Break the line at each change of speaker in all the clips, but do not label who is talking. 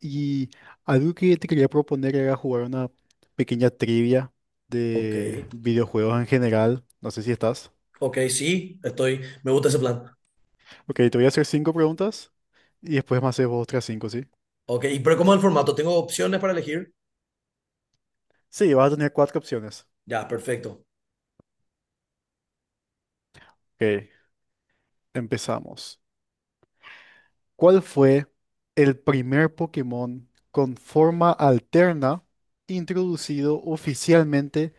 Y algo que te quería proponer era jugar una pequeña trivia
Ok,
de videojuegos en general. No sé si estás.
ok, sí, estoy, me gusta ese plan.
Ok, te voy a hacer cinco preguntas y después me haces vos otras cinco, ¿sí?
Ok, ¿y pero cómo es el formato? ¿Tengo opciones para elegir?
Sí, vas a tener cuatro opciones.
Ya, perfecto.
Ok, empezamos. ¿Cuál fue el primer Pokémon con forma alterna introducido oficialmente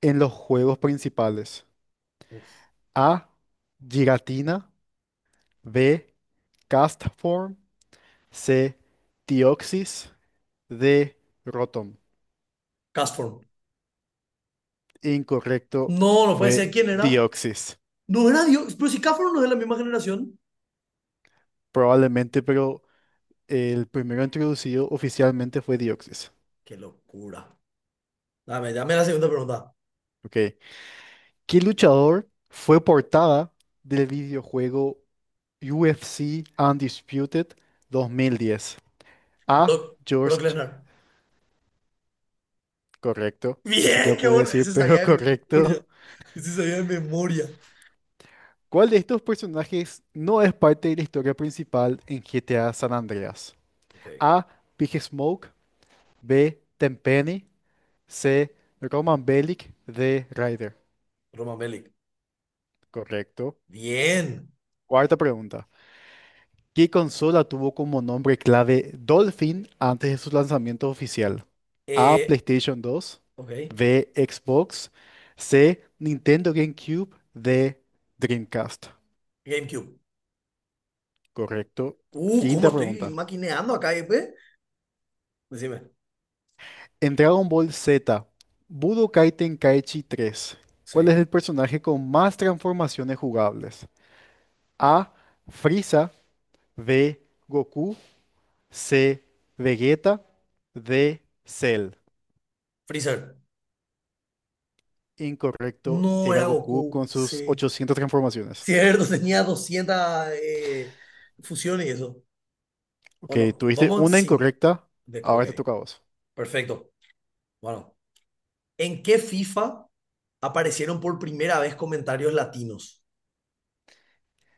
en los juegos principales? A. Giratina. B. Castform. C. Dioxis. D. Rotom.
Castform.
Incorrecto,
No, no puede ser.
fue
¿Quién era?
Dioxis.
No era Dios, pero si Castform no es de la misma generación.
Probablemente, pero el primero introducido oficialmente fue Dioxis.
Qué locura. Dame, dame la segunda pregunta.
Ok. ¿Qué luchador fue portada del videojuego UFC Undisputed 2010? A.
Brock, Brock
George.
Lesnar.
Correcto. Ni
Bien,
siquiera
qué
pude
bueno.
decir,
Ese sabía
pero
de memoria.
correcto.
Ese sabía de memoria.
¿Cuál de estos personajes no es parte de la historia principal en GTA San Andreas?
Ok,
A. Big Smoke. B. Tenpenny. C. Roman Bellic. D. Ryder.
Roman Bellic.
Correcto.
Bien.
Cuarta pregunta. ¿Qué consola tuvo como nombre clave Dolphin antes de su lanzamiento oficial? A.
Eh,
PlayStation 2.
ok,
B. Xbox. C. Nintendo GameCube. D. Dreamcast.
GameCube.
Correcto. Quinta
¿Cómo estoy
pregunta.
maquineando acá, eh? Pues? Decime.
En Dragon Ball Z, Budokai Tenkaichi tres. ¿Cuál es
Sí.
el personaje con más transformaciones jugables? A. Frieza. B. Goku. C. Vegeta. D. Cell.
Freezer.
Incorrecto,
No
era
era
Goku
Goku,
con sus
sí.
800 transformaciones.
Cierto, tenía 200 fusiones y eso.
Ok,
Bueno,
tuviste
vamos en
una
cinco.
incorrecta,
Ok,
ahora te toca a vos.
perfecto. Bueno, ¿en qué FIFA aparecieron por primera vez comentarios latinos?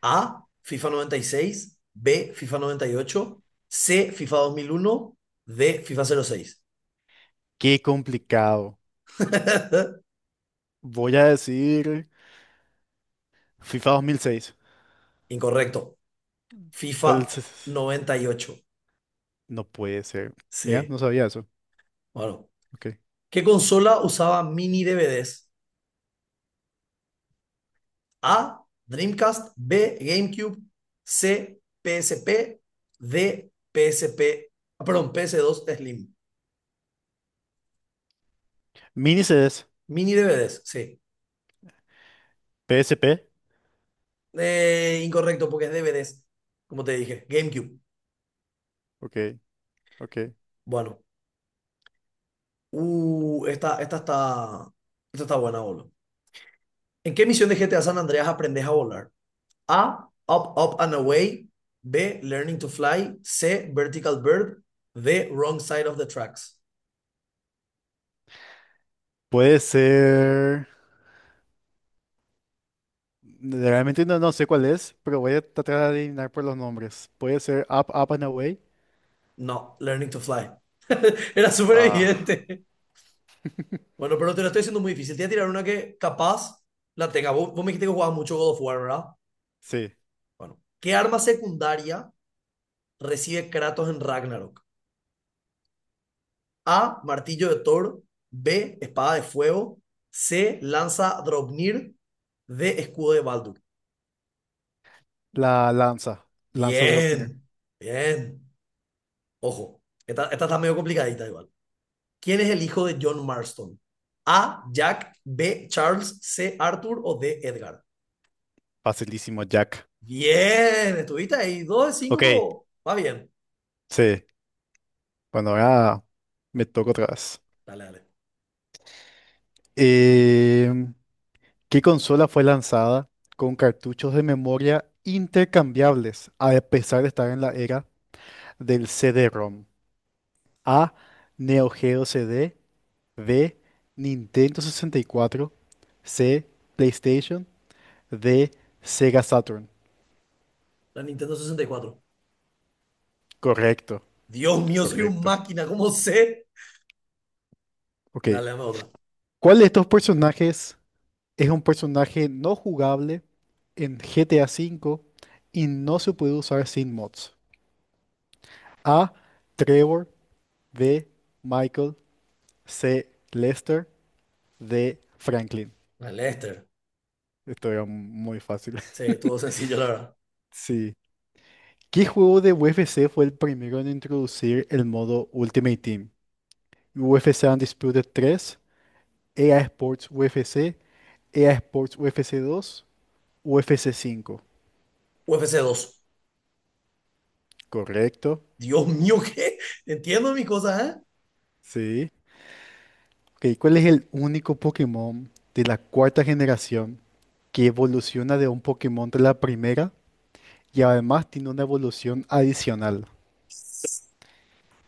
A, FIFA noventa y seis, B, FIFA noventa y ocho, C, FIFA dos mil uno, D, FIFA cero seis.
Qué complicado. Voy a decir FIFA 2006.
Incorrecto.
Fue el...
FIFA
s-
noventa y ocho.
No puede ser. Ya,
Sí.
no sabía eso.
Bueno,
Ok.
¿qué consola usaba mini DVDs? A. Dreamcast. B. GameCube. C. PSP. D. PSP. Perdón, PS2 Slim.
Mini CDs.
Mini DVDs, sí.
PSP.
Incorrecto, porque es DVDs. Como te dije, GameCube.
Ok, ok.
Bueno. Esta está. Esta está buena, boludo. ¿En qué misión de GTA San Andreas aprendes a volar? A. Up, up and away. B. Learning to fly. C. Vertical bird. D. Wrong side of the tracks.
Puede ser. Realmente no, no sé cuál es, pero voy a tratar de adivinar por los nombres. Puede ser Up, Up and Away.
No, learning to fly. Era súper
Ah,
evidente. Bueno, pero te lo estoy haciendo muy difícil. Te voy a tirar una que capaz la tenga. Vos me dijiste que jugabas mucho God of War, ¿verdad?
sí.
Bueno, ¿qué arma secundaria recibe Kratos en Ragnarok? A. Martillo de Thor. B. Espada de fuego. C. Lanza Draupnir. D. Escudo de Baldur.
La lanza. Lanza Dropnir.
Bien, bien. Ojo, esta está medio complicadita igual. ¿Quién es el hijo de John Marston? A. Jack. B. Charles. C. Arthur o D. Edgar.
Facilísimo, Jack.
Bien, estuviste ahí. Dos de cinco,
Ok,
po. Va bien.
sí. Bueno, ahora me toca otra vez.
Dale, dale.
Em, ¿Qué consola fue lanzada con cartuchos de memoria intercambiables a pesar de estar en la era del c d rom? A. Neo Geo C d. B, Nintendo 64. C, PlayStation. D, Sega Saturn.
La Nintendo sesenta y cuatro.
Correcto,
Dios mío, soy un
correcto.
máquina, ¿cómo sé?
Ok.
Dale, dame otra.
¿Cuál de estos personajes es un personaje no jugable en GTA V y no se puede usar sin mods? A, Trevor. B, Michael. C, Lester. D, Franklin.
La Lester.
Esto era muy fácil.
Sí, estuvo sencillo, la verdad.
Sí. ¿Qué juego de UFC fue el primero en introducir el modo Ultimate Team? UFC Undisputed 3, EA Sports UFC, EA Sports UFC 2, UFC cinco.
UFC dos.
Correcto.
Dios mío, ¿qué? Entiendo mis cosas, ¿eh?
Sí. Ok, ¿cuál es el único Pokémon de la cuarta generación que evoluciona de un Pokémon de la primera y además tiene una evolución adicional?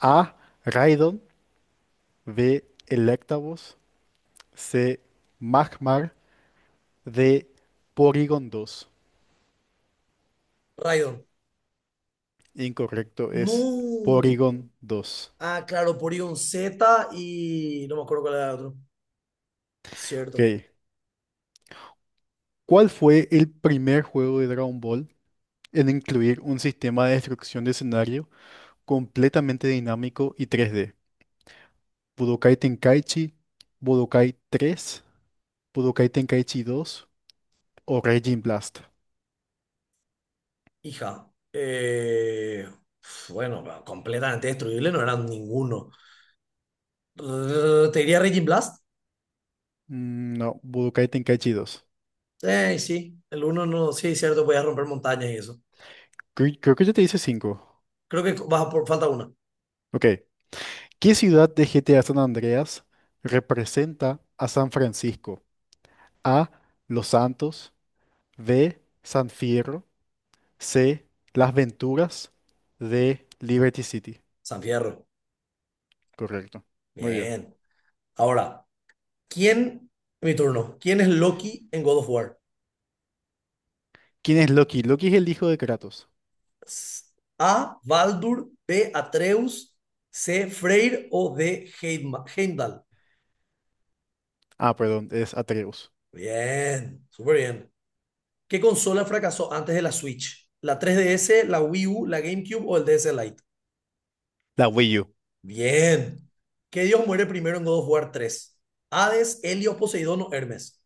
A. Raidon. B. Electabuzz. C. Magmar. D. Porygon dos.
Raidon.
Incorrecto, es
No.
Porygon dos.
Ah, claro, Porygon Z y no me acuerdo cuál era el otro. Cierto.
Ok. ¿Cuál fue el primer juego de Dragon Ball en incluir un sistema de destrucción de escenario completamente dinámico y 3D? ¿Budokai Tenkaichi, Budokai 3, Budokai Tenkaichi 2 o Raging Blast?
Hija. Pf, bueno, completamente destruible, no eran ninguno. Rrr, te diría Raging Blast.
Mm, no, Budokai Tenkaichi 2.
Sí, el uno no, sí, cierto, voy a romper montañas y eso.
Cre- Creo que ya te dice 5.
Creo que baja por falta una.
Ok. ¿Qué ciudad de GTA San Andreas representa a San Francisco? A. Los Santos. B. San Fierro. C. Las Venturas de Liberty City.
San Fierro.
Correcto. Muy bien.
Bien. Ahora, ¿quién? Mi turno. ¿Quién es Loki en God of War?
¿Quién es Loki? Loki es el hijo de Kratos.
S- A. Baldur, B. Atreus, C. Freyr o D. Heimdall.
Ah, perdón, es Atreus.
Bien, súper bien. ¿Qué consola fracasó antes de la Switch? ¿La 3DS, la Wii U, la GameCube o el DS Lite?
La Wii U.
Bien. ¿Qué dios muere primero en God of War 3? ¿Hades, Helio, Poseidón o Hermes?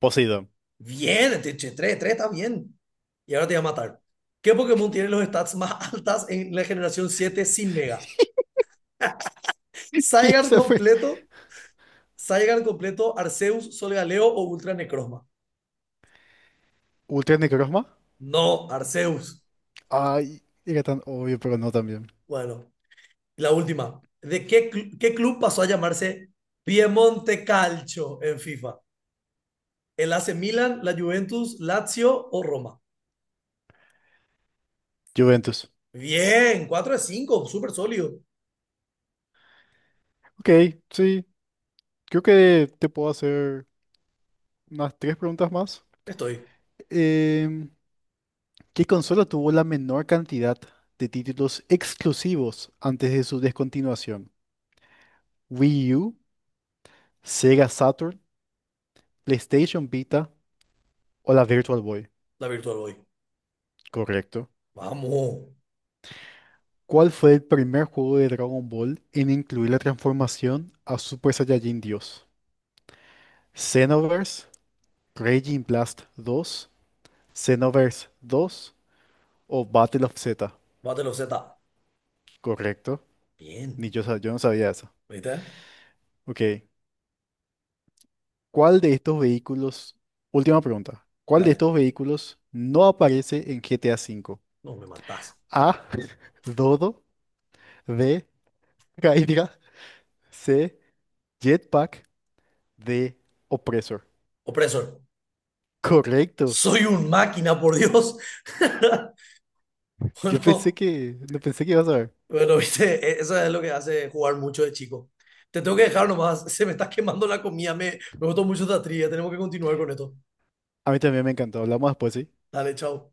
Poseidón.
Bien, 3, 3 está bien. Y ahora te voy a matar. ¿Qué Pokémon tiene los stats más altas en la generación siete sin Mega?
¿Qué
Zygarde
se fue?
completo, Zygarde completo, Arceus, Solgaleo o Ultra Necrozma.
¿Ultra Necrozma?
No, Arceus.
Ay, era tan obvio, pero no también.
Bueno, la última. ¿De qué, qué club pasó a llamarse Piemonte Calcio en FIFA? ¿El AC Milan, la Juventus, Lazio o Roma?
Juventus.
Bien, 4 de 5, súper sólido.
Ok, sí. Creo que te puedo hacer unas tres preguntas más.
Estoy,
Em, ¿Qué consola tuvo la menor cantidad de títulos exclusivos antes de su descontinuación? Wii U, Sega Saturn, PlayStation Vita o la Virtual Boy.
la Virtual Boy.
Correcto.
Vamos,
¿Cuál fue el primer juego de Dragon Ball en incluir la transformación a Super Saiyajin Dios? ¿Xenoverse, Raging Blast dos, Xenoverse dos o Battle of Z?
bátelo Z.
Correcto. Ni
Bien,
yo, sa- yo no sabía eso.
¿viste?
Ok. ¿Cuál de estos vehículos? Última pregunta. ¿Cuál de
Dale,
estos vehículos no aparece en GTA V?
no me matás.
A. Dodo. B. Hydra. C. Jetpack. De Opresor.
Opresor,
Correcto.
soy un máquina, por Dios.
Yo pensé
Bueno,
que, no pensé que ibas a ver.
bueno, ¿viste? Eso es lo que hace jugar mucho de chico. Te tengo que dejar nomás, se me está quemando la comida, me gustó mucho esta trivia, tenemos que continuar con esto.
A mí también me encantó. Hablamos después, ¿sí?
Dale, chao.